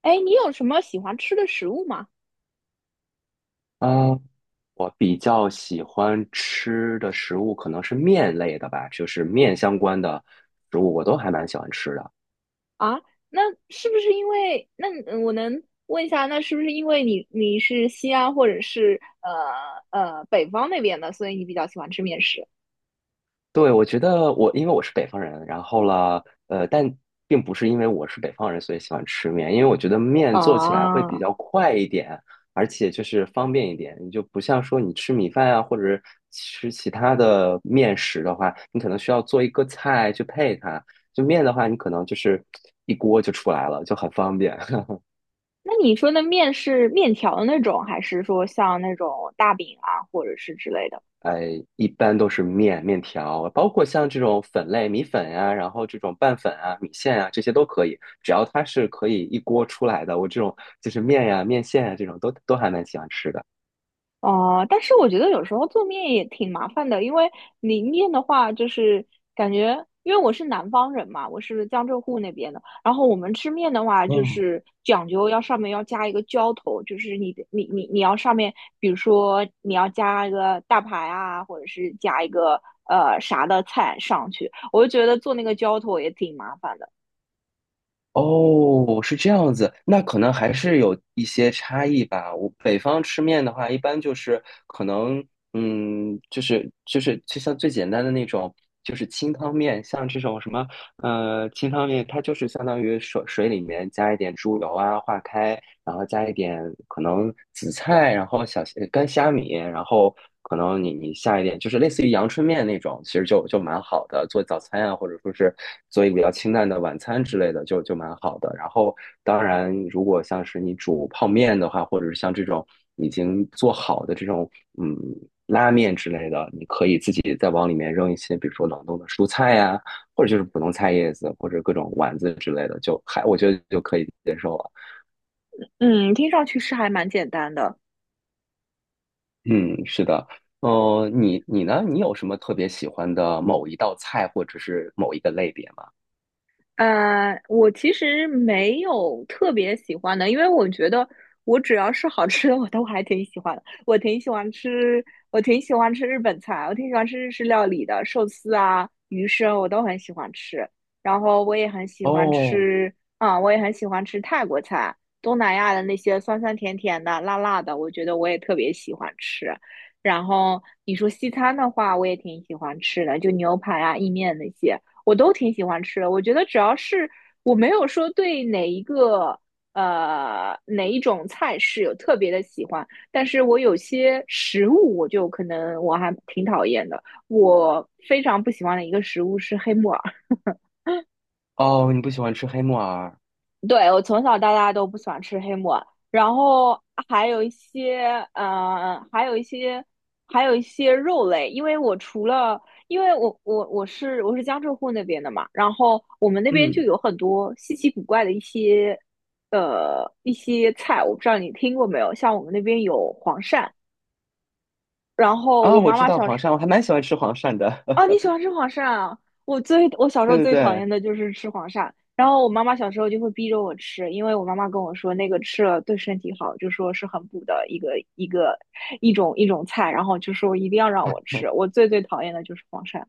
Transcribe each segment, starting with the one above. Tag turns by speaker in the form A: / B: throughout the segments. A: 哎，你有什么喜欢吃的食物吗？
B: 啊，我比较喜欢吃的食物可能是面类的吧，就是面相关的食物，我都还蛮喜欢吃的。
A: 啊，那是不是因为那嗯我能问一下，那是不是因为你是西安或者是北方那边的，所以你比较喜欢吃面食
B: 对，我觉得因为我是北方人，然后了，但并不是因为我是北方人所以喜欢吃面，因为我觉得面做起来会比
A: 啊？
B: 较快一点，而且就是方便一点。你就不像说你吃米饭啊，或者是吃其他的面食的话，你可能需要做一个菜去配它。就面的话，你可能就是一锅就出来了，就很方便。
A: 那你说的面是面条的那种，还是说像那种大饼啊，或者是之类的？
B: 呃，一般都是面条，包括像这种粉类、米粉呀，然后这种拌粉啊、米线啊，这些都可以，只要它是可以一锅出来的，我这种就是面呀、面线啊这种都还蛮喜欢吃的。
A: 哦，但是我觉得有时候做面也挺麻烦的，因为你面的话，就是感觉，因为我是南方人嘛，我是江浙沪那边的，然后我们吃面的话，就是讲究要上面要加一个浇头，就是你的你你你要上面，比如说你要加一个大排啊，或者是加一个啥的菜上去，我就觉得做那个浇头也挺麻烦的。
B: 哦，是这样子，那可能还是有一些差异吧。我北方吃面的话，一般就是可能，嗯，就是就像最简单的那种，就是清汤面，像这种什么清汤面它就是相当于水里面加一点猪油啊，化开，然后加一点可能紫菜，然后小干虾米，然后可能你下一点就是类似于阳春面那种，其实就蛮好的，做早餐啊，或者说是做一个比较清淡的晚餐之类的，就蛮好的。然后当然，如果像是你煮泡面的话，或者是像这种已经做好的这种嗯拉面之类的，你可以自己再往里面扔一些，比如说冷冻的蔬菜呀、或者就是普通菜叶子或者各种丸子之类的，就还我觉得就可以接受了。
A: 嗯，听上去是还蛮简单的。
B: 嗯，是的。哦，你你呢？你有什么特别喜欢的某一道菜或者是某一个类别吗？
A: 我其实没有特别喜欢的，因为我觉得我只要是好吃的，我都还挺喜欢的。我挺喜欢吃日本菜，我挺喜欢吃日式料理的，寿司啊、鱼生我都很喜欢吃。然后我也很喜欢
B: 哦
A: 吃，我也很喜欢吃泰国菜，东南亚的那些酸酸甜甜的、辣辣的，我觉得我也特别喜欢吃。然后你说西餐的话，我也挺喜欢吃的，就牛排啊、意面那些。我都挺喜欢吃的。我觉得只要是我没有说对哪一种菜式有特别的喜欢，但是我有些食物我就可能我还挺讨厌的。我非常不喜欢的一个食物是黑木耳。
B: 哦，你不喜欢吃黑木耳？
A: 对，我从小到大都不喜欢吃黑木耳，然后还有一些，呃，还有一些，还有一些肉类，因为我是江浙沪那边的嘛，然后我们那边就
B: 嗯
A: 有很多稀奇古怪的一些，一些菜，我不知道你听过没有，像我们那边有黄鳝，然后
B: 啊，
A: 我
B: 我
A: 妈
B: 知
A: 妈
B: 道
A: 小
B: 黄
A: 时。
B: 鳝，我还蛮喜欢吃黄鳝的。
A: 哦，你 喜欢吃黄鳝啊？我小时
B: 对
A: 候
B: 对
A: 最讨
B: 对。
A: 厌的就是吃黄鳝，然后我妈妈小时候就会逼着我吃，因为我妈妈跟我说那个吃了对身体好，就说是很补的一种菜，然后就说一定要让我吃。我最讨厌的就是黄鳝，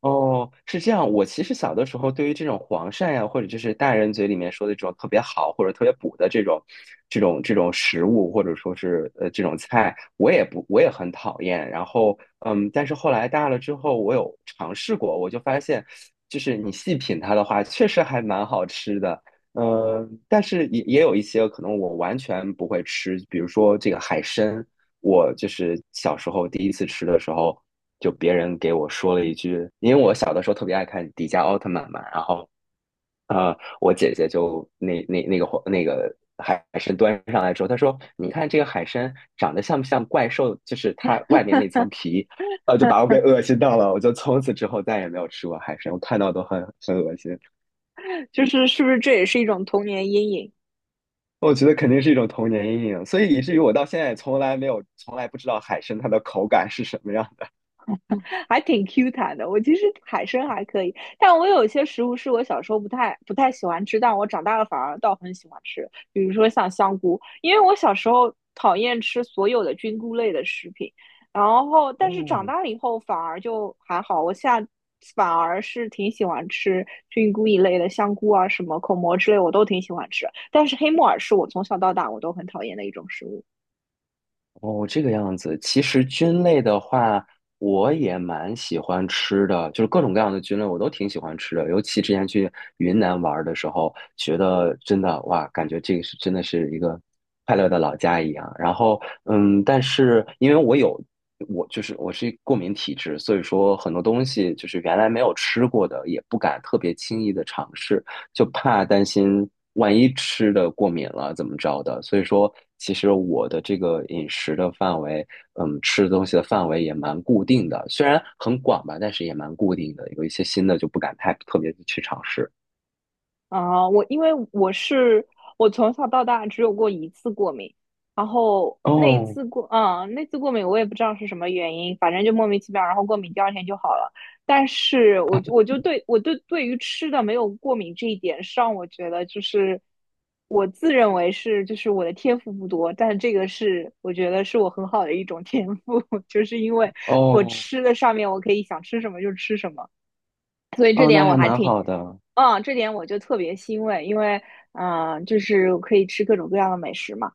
B: 哦，是这样。我其实小的时候，对于这种黄鳝呀、或者就是大人嘴里面说的这种特别好或者特别补的这种食物，或者说是这种菜，我也不，我也很讨厌。然后，嗯，但是后来大了之后，我有尝试过，我就发现，就是你细品它的话，确实还蛮好吃的。嗯、但是也有一些可能我完全不会吃，比如说这个海参。我就是小时候第一次吃的时候，就别人给我说了一句，因为我小的时候特别爱看迪迦奥特曼嘛，然后我姐姐就那个海参端上来之后，她说："你看这个海参长得像不像怪兽？就是它外面那层皮。"就把我给恶心到了，我就从此之后再也没有吃过海参，我看到都很恶心。
A: 就是是不是这也是一种童年阴影？
B: 我觉得肯定是一种童年阴影，所以以至于我到现在从来没有从来不知道海参它的口感是什么样的。
A: 还挺 Q 弹的。我其实海参还可以，但我有些食物是我小时候不太喜欢吃，但我长大了反而倒很喜欢吃，比如说像香菇，因为我小时候讨厌吃所有的菌菇类的食品，然后但是长
B: 哦，
A: 大了以后反而就还好，我现在反而是挺喜欢吃菌菇一类的，香菇啊什么口蘑之类我都挺喜欢吃，但是黑木耳是我从小到大我都很讨厌的一种食物。
B: 哦，这个样子。其实菌类的话，我也蛮喜欢吃的，就是各种各样的菌类我都挺喜欢吃的。尤其之前去云南玩儿的时候，觉得真的哇，感觉这个是真的是一个快乐的老家一样。然后，嗯，但是因为我有我就是我是过敏体质，所以说很多东西就是原来没有吃过的，也不敢特别轻易的尝试。就怕担心万一吃的过敏了怎么着的。所以说，其实我的这个饮食的范围，嗯，吃的东西的范围也蛮固定的，虽然很广吧，但是也蛮固定的。有一些新的就不敢太特别的去尝试。
A: 啊，我因为我是我从小到大只有过一次过敏，然后
B: 哦
A: 那次过敏我也不知道是什么原因，反正就莫名其妙，然后过敏第二天就好了。但是我就我就对我对对于吃的没有过敏这一点上，我觉得就是我自认为是就是我的天赋不多，但这个是我觉得是我很好的一种天赋，就是因为我
B: 哦
A: 吃的上面我可以想吃什么就吃什么，所以这
B: 哦，那
A: 点我
B: 还
A: 还
B: 蛮
A: 挺。
B: 好的。
A: 嗯，这点我就特别欣慰，因为就是可以吃各种各样的美食嘛。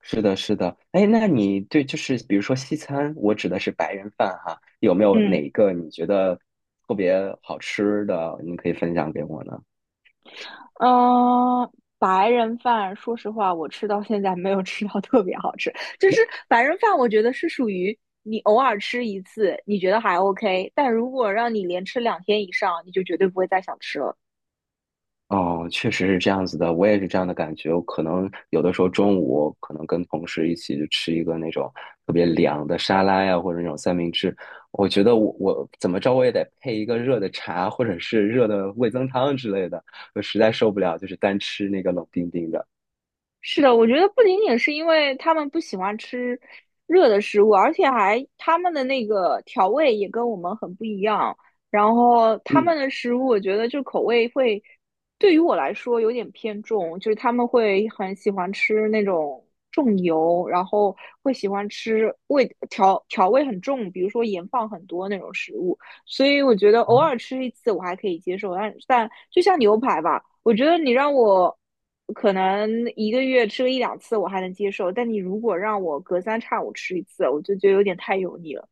B: 是的，是的。哎，那你对就是比如说西餐，我指的是白人饭哈，有没有哪
A: 嗯
B: 一个你觉得特别好吃的，你可以分享给我呢？
A: 嗯、呃白人饭，说实话，我吃到现在没有吃到特别好吃。就是白人饭，我觉得是属于你偶尔吃一次，你觉得还 OK,但如果让你连吃2天以上，你就绝对不会再想吃了。
B: 哦，确实是这样子的，我也是这样的感觉。我可能有的时候中午可能跟同事一起就吃一个那种特别凉的沙拉呀，或者那种三明治。我觉得我怎么着我也得配一个热的茶，或者是热的味增汤之类的。我实在受不了，就是单吃那个冷冰冰的。
A: 是的，我觉得不仅仅是因为他们不喜欢吃热的食物，而且还他们的那个调味也跟我们很不一样。然后他们
B: 嗯。
A: 的食物，我觉得就口味会，对于我来说有点偏重，就是他们会很喜欢吃那种重油，然后会喜欢吃调味很重，比如说盐放很多那种食物。所以我觉得偶
B: 哦
A: 尔吃一次我还可以接受，但就像牛排吧，我觉得你让我可能一个月吃个一两次我还能接受，但你如果让我隔三差五吃一次，我就觉得有点太油腻了。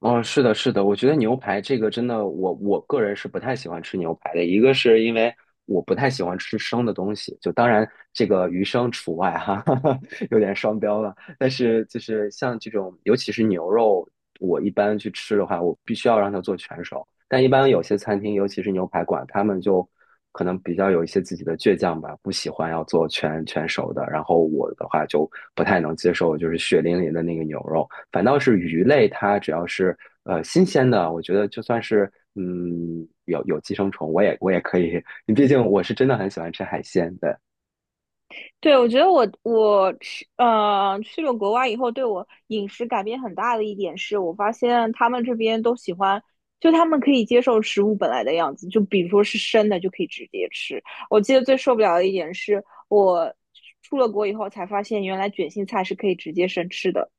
B: 哦，是的，是的，我觉得牛排这个真的，我个人是不太喜欢吃牛排的。一个是因为我不太喜欢吃生的东西，就当然这个鱼生除外哈，有点双标了。但是就是像这种，尤其是牛肉，我一般去吃的话，我必须要让它做全熟。但一般有些餐厅，尤其是牛排馆，他们就可能比较有一些自己的倔强吧，不喜欢要做全熟的。然后我的话就不太能接受，就是血淋淋的那个牛肉。反倒是鱼类，它只要是新鲜的，我觉得就算是有寄生虫，我也可以。毕竟我是真的很喜欢吃海鲜，对。
A: 对，我觉得我去了国外以后，对我饮食改变很大的一点是，我发现他们这边都喜欢，就他们可以接受食物本来的样子，就比如说是生的就可以直接吃。我记得最受不了的一点是我出了国以后才发现，原来卷心菜是可以直接生吃的，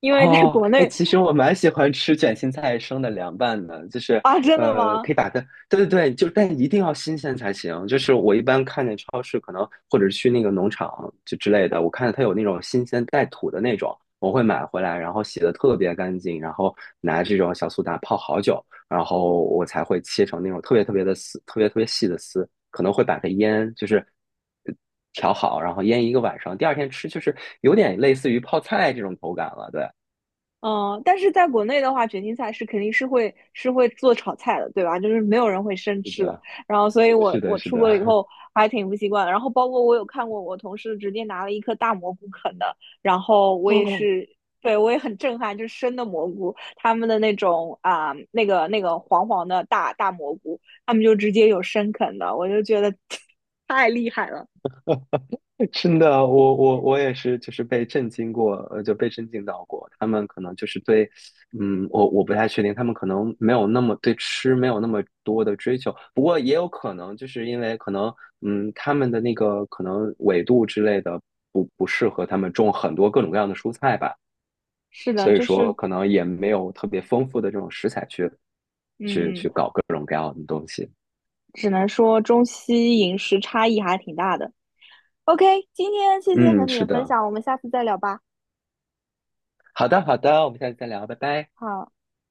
A: 因为在
B: 哦，
A: 国
B: 哎，
A: 内
B: 其实我蛮喜欢吃卷心菜生的凉拌的，就 是
A: 啊，真的吗？
B: 可以把它，对对对，就但一定要新鲜才行。就是我一般看见超市可能或者是去那个农场就之类的，我看到它有那种新鲜带土的那种，我会买回来，然后洗的特别干净，然后拿这种小苏打泡好久，然后我才会切成那种特别特别的丝，特别特别细的丝，可能会把它腌，就是调好，然后腌一个晚上，第二天吃就是有点类似于泡菜这种口感了，对。
A: 嗯，但是在国内的话，卷心菜是肯定是会是会做炒菜的，对吧？就是没有人会生
B: 是
A: 吃的。
B: 的，
A: 然后，所以我
B: 是
A: 我
B: 的，是
A: 出
B: 的，
A: 国了以 后还挺不习惯然后，包括我有看过我同事直接拿了一颗大蘑菇啃的，然后我也
B: 哦，
A: 是，对，我也很震撼，就是生的蘑菇，他们的那种啊、那个黄黄的大大蘑菇，他们就直接有生啃的，我就觉得 太厉害了。
B: 真的，我也是，就是被震惊过，就被震惊到过。他们可能就是对，嗯，我不太确定，他们可能没有那么对吃没有那么多的追求，不过也有可能就是因为可能，嗯，他们的那个可能纬度之类的不适合他们种很多各种各样的蔬菜吧，
A: 是
B: 所
A: 的，
B: 以
A: 就
B: 说
A: 是
B: 可能也没有特别丰富的这种食材去
A: 嗯，
B: 各种各样的东西。
A: 只能说中西饮食差异还挺大的。OK,今天谢谢和
B: 嗯，
A: 你
B: 是
A: 的分
B: 的，
A: 享，我们下次再聊吧。
B: 好的，好的，我们下次再聊，拜拜。
A: 好。